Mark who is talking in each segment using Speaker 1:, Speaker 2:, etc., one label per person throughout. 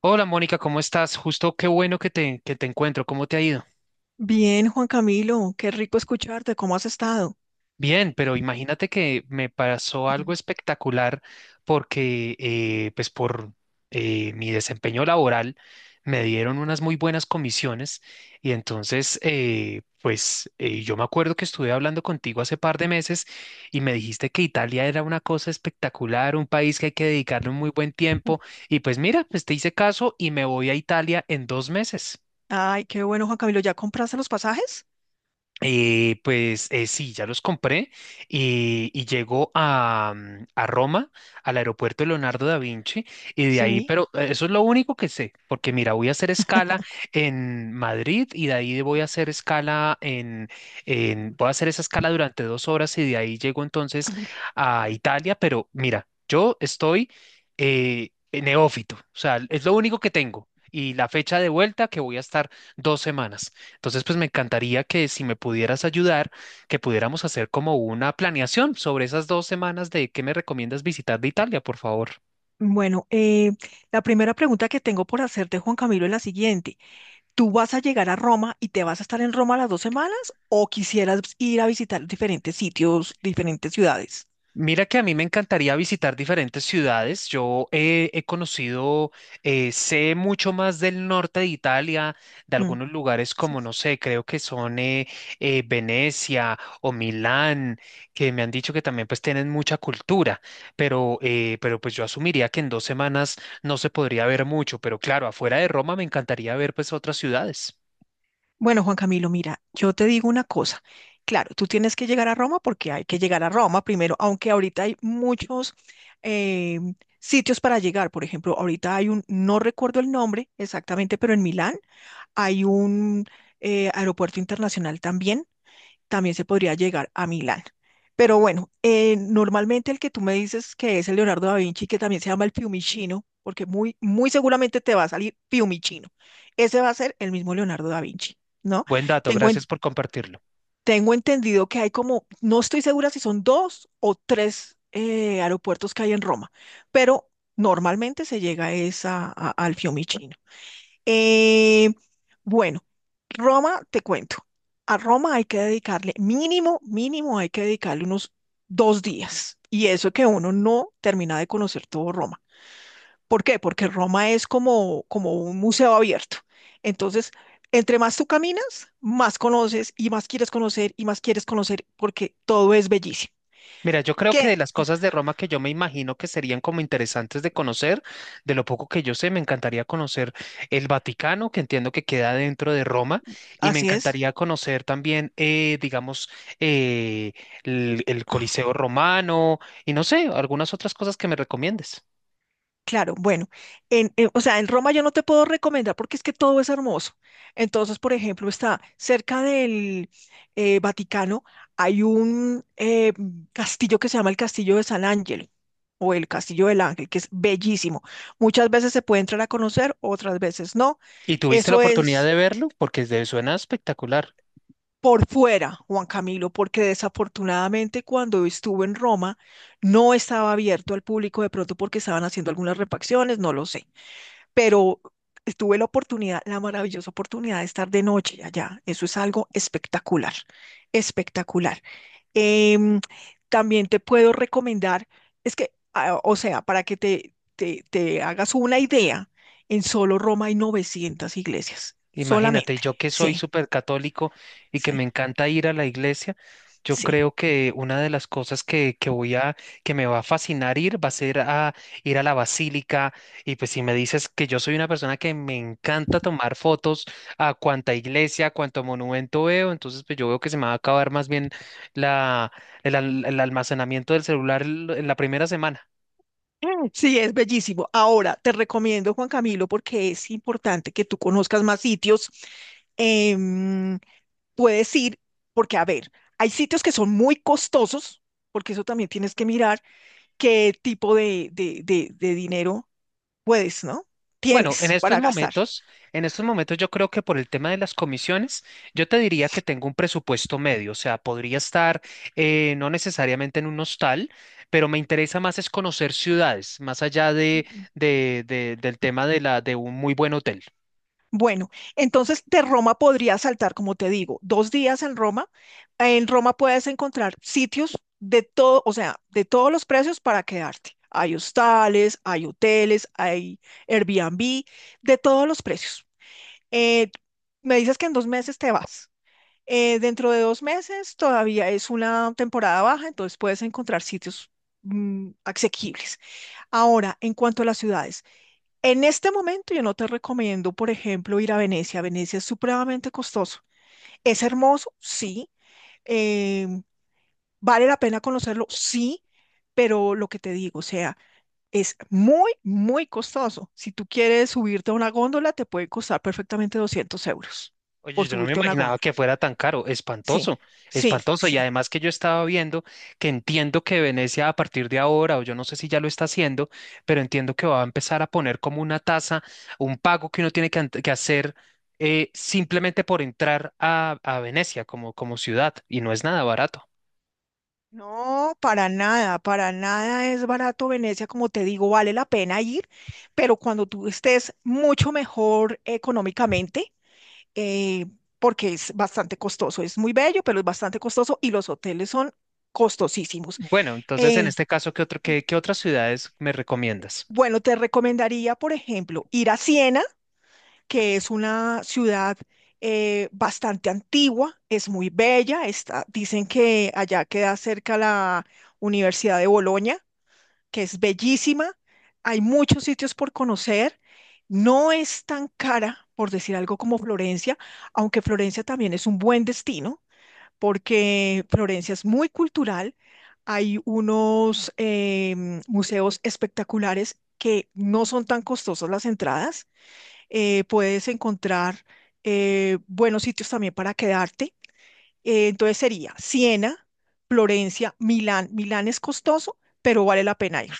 Speaker 1: Hola Mónica, ¿cómo estás? Justo qué bueno que te encuentro, ¿cómo te ha ido?
Speaker 2: Bien, Juan Camilo, qué rico escucharte, ¿cómo has estado?
Speaker 1: Bien, pero imagínate que me pasó algo
Speaker 2: Mm.
Speaker 1: espectacular porque pues por mi desempeño laboral me dieron unas muy buenas comisiones y entonces pues yo me acuerdo que estuve hablando contigo hace par de meses y me dijiste que Italia era una cosa espectacular, un país que hay que dedicarle un muy buen tiempo y pues mira, pues te hice caso y me voy a Italia en 2 meses.
Speaker 2: Ay, qué bueno, Juan Camilo, ¿ya compraste los pasajes?
Speaker 1: Pues sí, ya los compré y llego a Roma, al aeropuerto Leonardo da Vinci, y de ahí,
Speaker 2: Sí,
Speaker 1: pero eso es lo único que sé, porque mira, voy a hacer escala en Madrid y de ahí voy a hacer escala voy a hacer esa escala durante 2 horas y de ahí llego entonces a Italia, pero mira, yo estoy neófito, o sea, es lo único que tengo y la fecha de vuelta que voy a estar 2 semanas. Entonces, pues me encantaría que si me pudieras ayudar, que pudiéramos hacer como una planeación sobre esas 2 semanas de qué me recomiendas visitar de Italia, por favor.
Speaker 2: bueno, la primera pregunta que tengo por hacerte, Juan Camilo, es la siguiente. ¿Tú vas a llegar a Roma y te vas a estar en Roma las 2 semanas o quisieras ir a visitar diferentes sitios, diferentes ciudades?
Speaker 1: Mira que a mí me encantaría visitar diferentes ciudades. Yo he conocido, sé mucho más del norte de Italia, de
Speaker 2: Mm,
Speaker 1: algunos lugares
Speaker 2: sí.
Speaker 1: como, no sé, creo que son Venecia o Milán, que me han dicho que también pues tienen mucha cultura, pero pues yo asumiría que en 2 semanas no se podría ver mucho, pero claro, afuera de Roma me encantaría ver pues otras ciudades.
Speaker 2: Bueno, Juan Camilo, mira, yo te digo una cosa. Claro, tú tienes que llegar a Roma porque hay que llegar a Roma primero, aunque ahorita hay muchos eh, sitios para llegar. Por ejemplo, ahorita hay un, no recuerdo el nombre exactamente, pero en Milán hay un aeropuerto internacional también se podría llegar a Milán. Pero bueno, normalmente el que tú me dices que es el Leonardo da Vinci, que también se llama el Fiumicino, porque muy seguramente te va a salir Fiumicino. Ese va a ser el mismo Leonardo da Vinci, ¿no?
Speaker 1: Buen dato,
Speaker 2: Tengo, en-
Speaker 1: gracias por compartirlo.
Speaker 2: Tengo entendido que hay como, no estoy segura si son dos o tres aeropuertos que hay en Roma, pero normalmente se llega es a, al Fiumicino. Eh, bueno, Roma, te cuento. A Roma hay que dedicarle mínimo, mínimo hay que dedicarle unos 2 días. Y eso que uno no termina de conocer todo Roma. ¿Por qué? Porque Roma es como, como un museo abierto. Entonces, entre más tú caminas, más conoces y más quieres conocer y más quieres conocer porque todo es bellísimo.
Speaker 1: Mira, yo creo que
Speaker 2: ¿Qué?
Speaker 1: de las cosas de Roma que yo me imagino que serían como interesantes de conocer, de lo poco que yo sé, me encantaría conocer el Vaticano, que entiendo que queda dentro de Roma, y me
Speaker 2: Así es.
Speaker 1: encantaría conocer también, digamos, eh, el Coliseo romano y no sé, algunas otras cosas que me recomiendes.
Speaker 2: Claro, bueno, o sea, en Roma yo no te puedo recomendar porque es que todo es hermoso. Entonces, por ejemplo, está cerca del Vaticano, hay un castillo que se llama el Castillo de San Ángel o el Castillo del Ángel, que es bellísimo. Muchas veces se puede entrar a conocer, otras veces no.
Speaker 1: ¿Y tuviste la
Speaker 2: Eso
Speaker 1: oportunidad
Speaker 2: es
Speaker 1: de verlo? Porque suena espectacular.
Speaker 2: por fuera, Juan Camilo, porque desafortunadamente cuando estuve en Roma no estaba abierto al público, de pronto porque estaban haciendo algunas refacciones, no lo sé. Pero tuve la oportunidad, la maravillosa oportunidad de estar de noche allá. Eso es algo espectacular, espectacular. Em, también te puedo recomendar, es que, ah, o sea, para que te hagas una idea, en solo Roma hay 900 iglesias,
Speaker 1: Imagínate,
Speaker 2: solamente.
Speaker 1: yo que soy
Speaker 2: Sí,
Speaker 1: súper católico y que me
Speaker 2: sí,
Speaker 1: encanta ir a la iglesia, yo
Speaker 2: sí.
Speaker 1: creo que una de las cosas que me va a fascinar ir va a ser a ir a la basílica. Y pues si me dices que yo soy una persona que me encanta tomar fotos a cuanta iglesia, a cuanto monumento veo, entonces pues yo veo que se me va a acabar más bien la, el almacenamiento del celular en la primera semana.
Speaker 2: Mm, sí, es bellísimo. Ahora, te recomiendo, Juan Camilo, porque es importante que tú conozcas más sitios. em, puedes ir, porque a ver, hay sitios que son muy costosos, porque eso también tienes que mirar qué tipo de, de dinero puedes, ¿no?
Speaker 1: Bueno, en
Speaker 2: Tienes
Speaker 1: estos
Speaker 2: para gastar.
Speaker 1: momentos, en estos momentos yo creo que por el tema de las comisiones, yo te diría que tengo un presupuesto medio, o sea, podría estar no necesariamente en un hostal, pero me interesa más es conocer ciudades, más allá del tema de un muy buen hotel.
Speaker 2: Bueno, entonces de Roma podrías saltar, como te digo, 2 días en Roma. En Roma puedes encontrar sitios de todo, o sea, de todos los precios para quedarte. Hay hostales, hay hoteles, hay Airbnb, de todos los precios. Eh, me dices que en 2 meses te vas. Dentro de 2 meses todavía es una temporada baja, entonces puedes encontrar sitios asequibles. Ahora, en cuanto a las ciudades. En este momento yo no te recomiendo, por ejemplo, ir a Venecia. Venecia es supremamente costoso. Es hermoso, sí. Eh, vale la pena conocerlo, sí. Pero lo que te digo, o sea, es muy costoso. Si tú quieres subirte a una góndola, te puede costar perfectamente 200 euros
Speaker 1: Oye,
Speaker 2: por
Speaker 1: yo no me
Speaker 2: subirte a una
Speaker 1: imaginaba que
Speaker 2: góndola.
Speaker 1: fuera tan caro,
Speaker 2: Sí,
Speaker 1: espantoso,
Speaker 2: sí,
Speaker 1: espantoso. Y
Speaker 2: sí.
Speaker 1: además que yo estaba viendo que entiendo que Venecia a partir de ahora, o yo no sé si ya lo está haciendo, pero entiendo que va a empezar a poner como una tasa, un pago que uno tiene que hacer simplemente por entrar a Venecia como ciudad, y no es nada barato.
Speaker 2: No, para nada es barato Venecia, como te digo, vale la pena ir, pero cuando tú estés mucho mejor económicamente, eh, porque es bastante costoso. Es muy bello, pero es bastante costoso y los hoteles son costosísimos.
Speaker 1: Bueno, entonces en
Speaker 2: Eh,
Speaker 1: este caso, ¿qué otras ciudades me recomiendas?
Speaker 2: bueno, te recomendaría, por ejemplo, ir a Siena, que es una ciudad bastante antigua, es muy bella. Está, dicen que allá queda cerca la Universidad de Bolonia, que es bellísima. Hay muchos sitios por conocer. No es tan cara, por decir algo, como Florencia, aunque Florencia también es un buen destino. Porque Florencia es muy cultural. Hay unos museos espectaculares que no son tan costosas las entradas. Puedes encontrar buenos sitios también para quedarte. Entonces sería Siena, Florencia, Milán. Milán es costoso, pero vale la pena ir,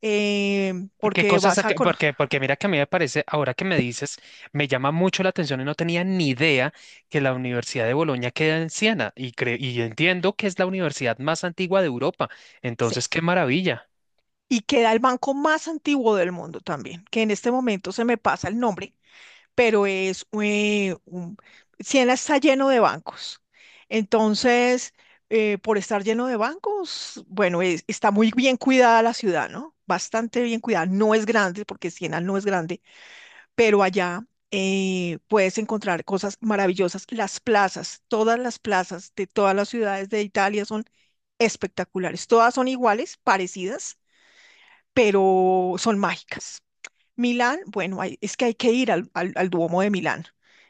Speaker 1: ¿Qué
Speaker 2: porque
Speaker 1: cosas?
Speaker 2: vas a conocer.
Speaker 1: Porque mira que a mí me parece, ahora que me dices, me llama mucho la atención y no tenía ni idea que la Universidad de Bolonia queda en Siena y entiendo que es la universidad más antigua de Europa. Entonces, qué maravilla.
Speaker 2: Y queda el banco más antiguo del mundo también, que en este momento se me pasa el nombre, pero es Siena está lleno de bancos. Entonces, por estar lleno de bancos, bueno, está muy bien cuidada la ciudad, ¿no? Bastante bien cuidada. No es grande, porque Siena no es grande, pero allá puedes encontrar cosas maravillosas. Las plazas, todas las plazas de todas las ciudades de Italia son espectaculares. Todas son iguales, parecidas, pero son mágicas. Milán, bueno, es que hay que ir al Duomo de Milán.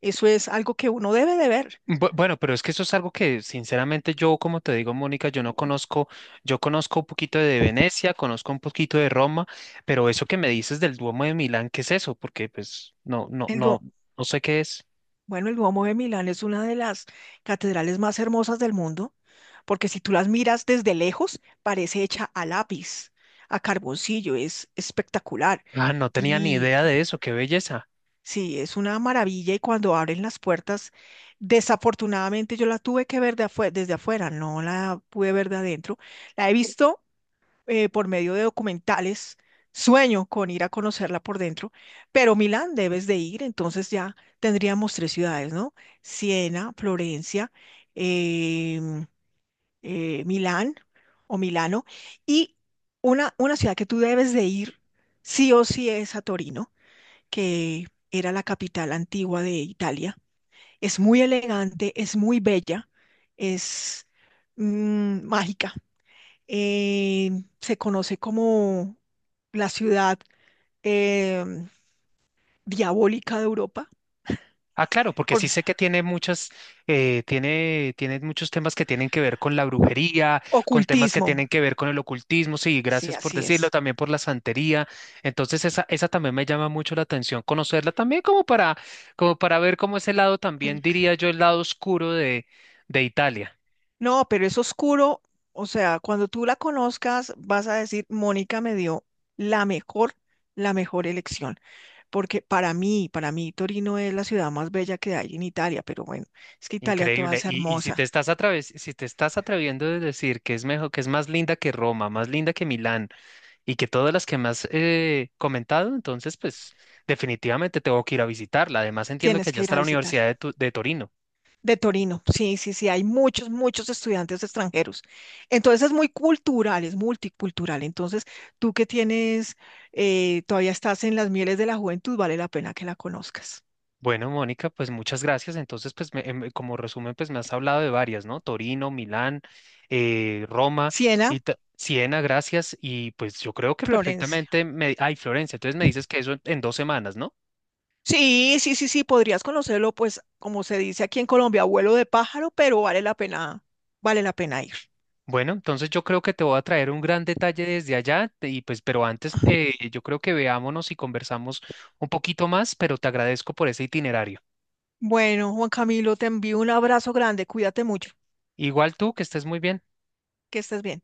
Speaker 2: Eso es algo que uno debe de ver.
Speaker 1: Bueno, pero es que eso es algo que sinceramente yo, como te digo, Mónica, yo no conozco, yo conozco un poquito de Venecia, conozco un poquito de Roma, pero eso que me dices del Duomo de Milán, ¿qué es eso? Porque pues no, no,
Speaker 2: El
Speaker 1: no,
Speaker 2: Duo-
Speaker 1: no sé qué es.
Speaker 2: bueno, el Duomo de Milán es una de las catedrales más hermosas del mundo, porque si tú las miras desde lejos, parece hecha a lápiz, a carboncillo, es espectacular.
Speaker 1: Ah, no tenía ni
Speaker 2: Y
Speaker 1: idea de eso, qué belleza.
Speaker 2: sí, es una maravilla y cuando abren las puertas, desafortunadamente yo la tuve que ver desde afuera, no la pude ver de adentro. La he visto por medio de documentales. Sueño con ir a conocerla por dentro, pero Milán debes de ir, entonces ya tendríamos 3 ciudades, ¿no? Siena, Florencia, em, Milán o Milano, y una ciudad que tú debes de ir sí o sí es a Torino, que era la capital antigua de Italia. Es muy elegante, es muy bella, es mágica, eh, se conoce como la ciudad eh, diabólica de Europa
Speaker 1: Ah, claro, porque
Speaker 2: por
Speaker 1: sí sé que tiene muchas, tiene muchos temas que tienen que ver con la brujería, con temas que
Speaker 2: ocultismo.
Speaker 1: tienen que ver con el ocultismo, sí,
Speaker 2: Sí,
Speaker 1: gracias por
Speaker 2: así
Speaker 1: decirlo,
Speaker 2: es.
Speaker 1: también por la santería. Entonces, esa también me llama mucho la atención, conocerla también como para ver cómo ese lado también, diría yo, el lado oscuro de Italia.
Speaker 2: No, pero es oscuro. O sea, cuando tú la conozcas, vas a decir, Mónica me dio la mejor, la mejor elección. Porque para mí, Torino es la ciudad más bella que hay en Italia. Pero bueno, es que Italia toda
Speaker 1: Increíble.
Speaker 2: es
Speaker 1: Y si te
Speaker 2: hermosa.
Speaker 1: estás atreviendo a decir que es mejor, que es más linda que Roma, más linda que Milán, y que todas las que me has comentado, entonces pues definitivamente tengo que ir a visitarla. Además entiendo que
Speaker 2: Tienes
Speaker 1: allá
Speaker 2: que ir
Speaker 1: está
Speaker 2: a
Speaker 1: la Universidad de,
Speaker 2: visitarla.
Speaker 1: Tu- de Torino.
Speaker 2: De Torino, sí, sí, sí, hay muchos, muchos estudiantes extranjeros. Entonces es muy cultural, es multicultural. Entonces, tú que tienes, todavía estás en las mieles de la juventud, vale la pena que la conozcas.
Speaker 1: Bueno, Mónica, pues muchas gracias. Entonces, pues como resumen, pues me has hablado de varias, ¿no? Torino, Milán, Roma
Speaker 2: Siena,
Speaker 1: y Siena, gracias. Y pues yo creo que
Speaker 2: Florencia.
Speaker 1: perfectamente me... Ay, Florencia, entonces me dices que eso en 2 semanas, ¿no?
Speaker 2: Sí, sí, sí, sí, podrías conocerlo, pues, como se dice aquí en Colombia, abuelo de pájaro, pero vale la pena ir.
Speaker 1: Bueno, entonces yo creo que te voy a traer un gran detalle desde allá y pues, pero antes yo creo que veámonos y conversamos un poquito más, pero te agradezco por ese itinerario.
Speaker 2: Bueno, Juan Camilo, te envío un abrazo grande, cuídate mucho,
Speaker 1: Igual tú, que estés muy bien.
Speaker 2: que estés bien.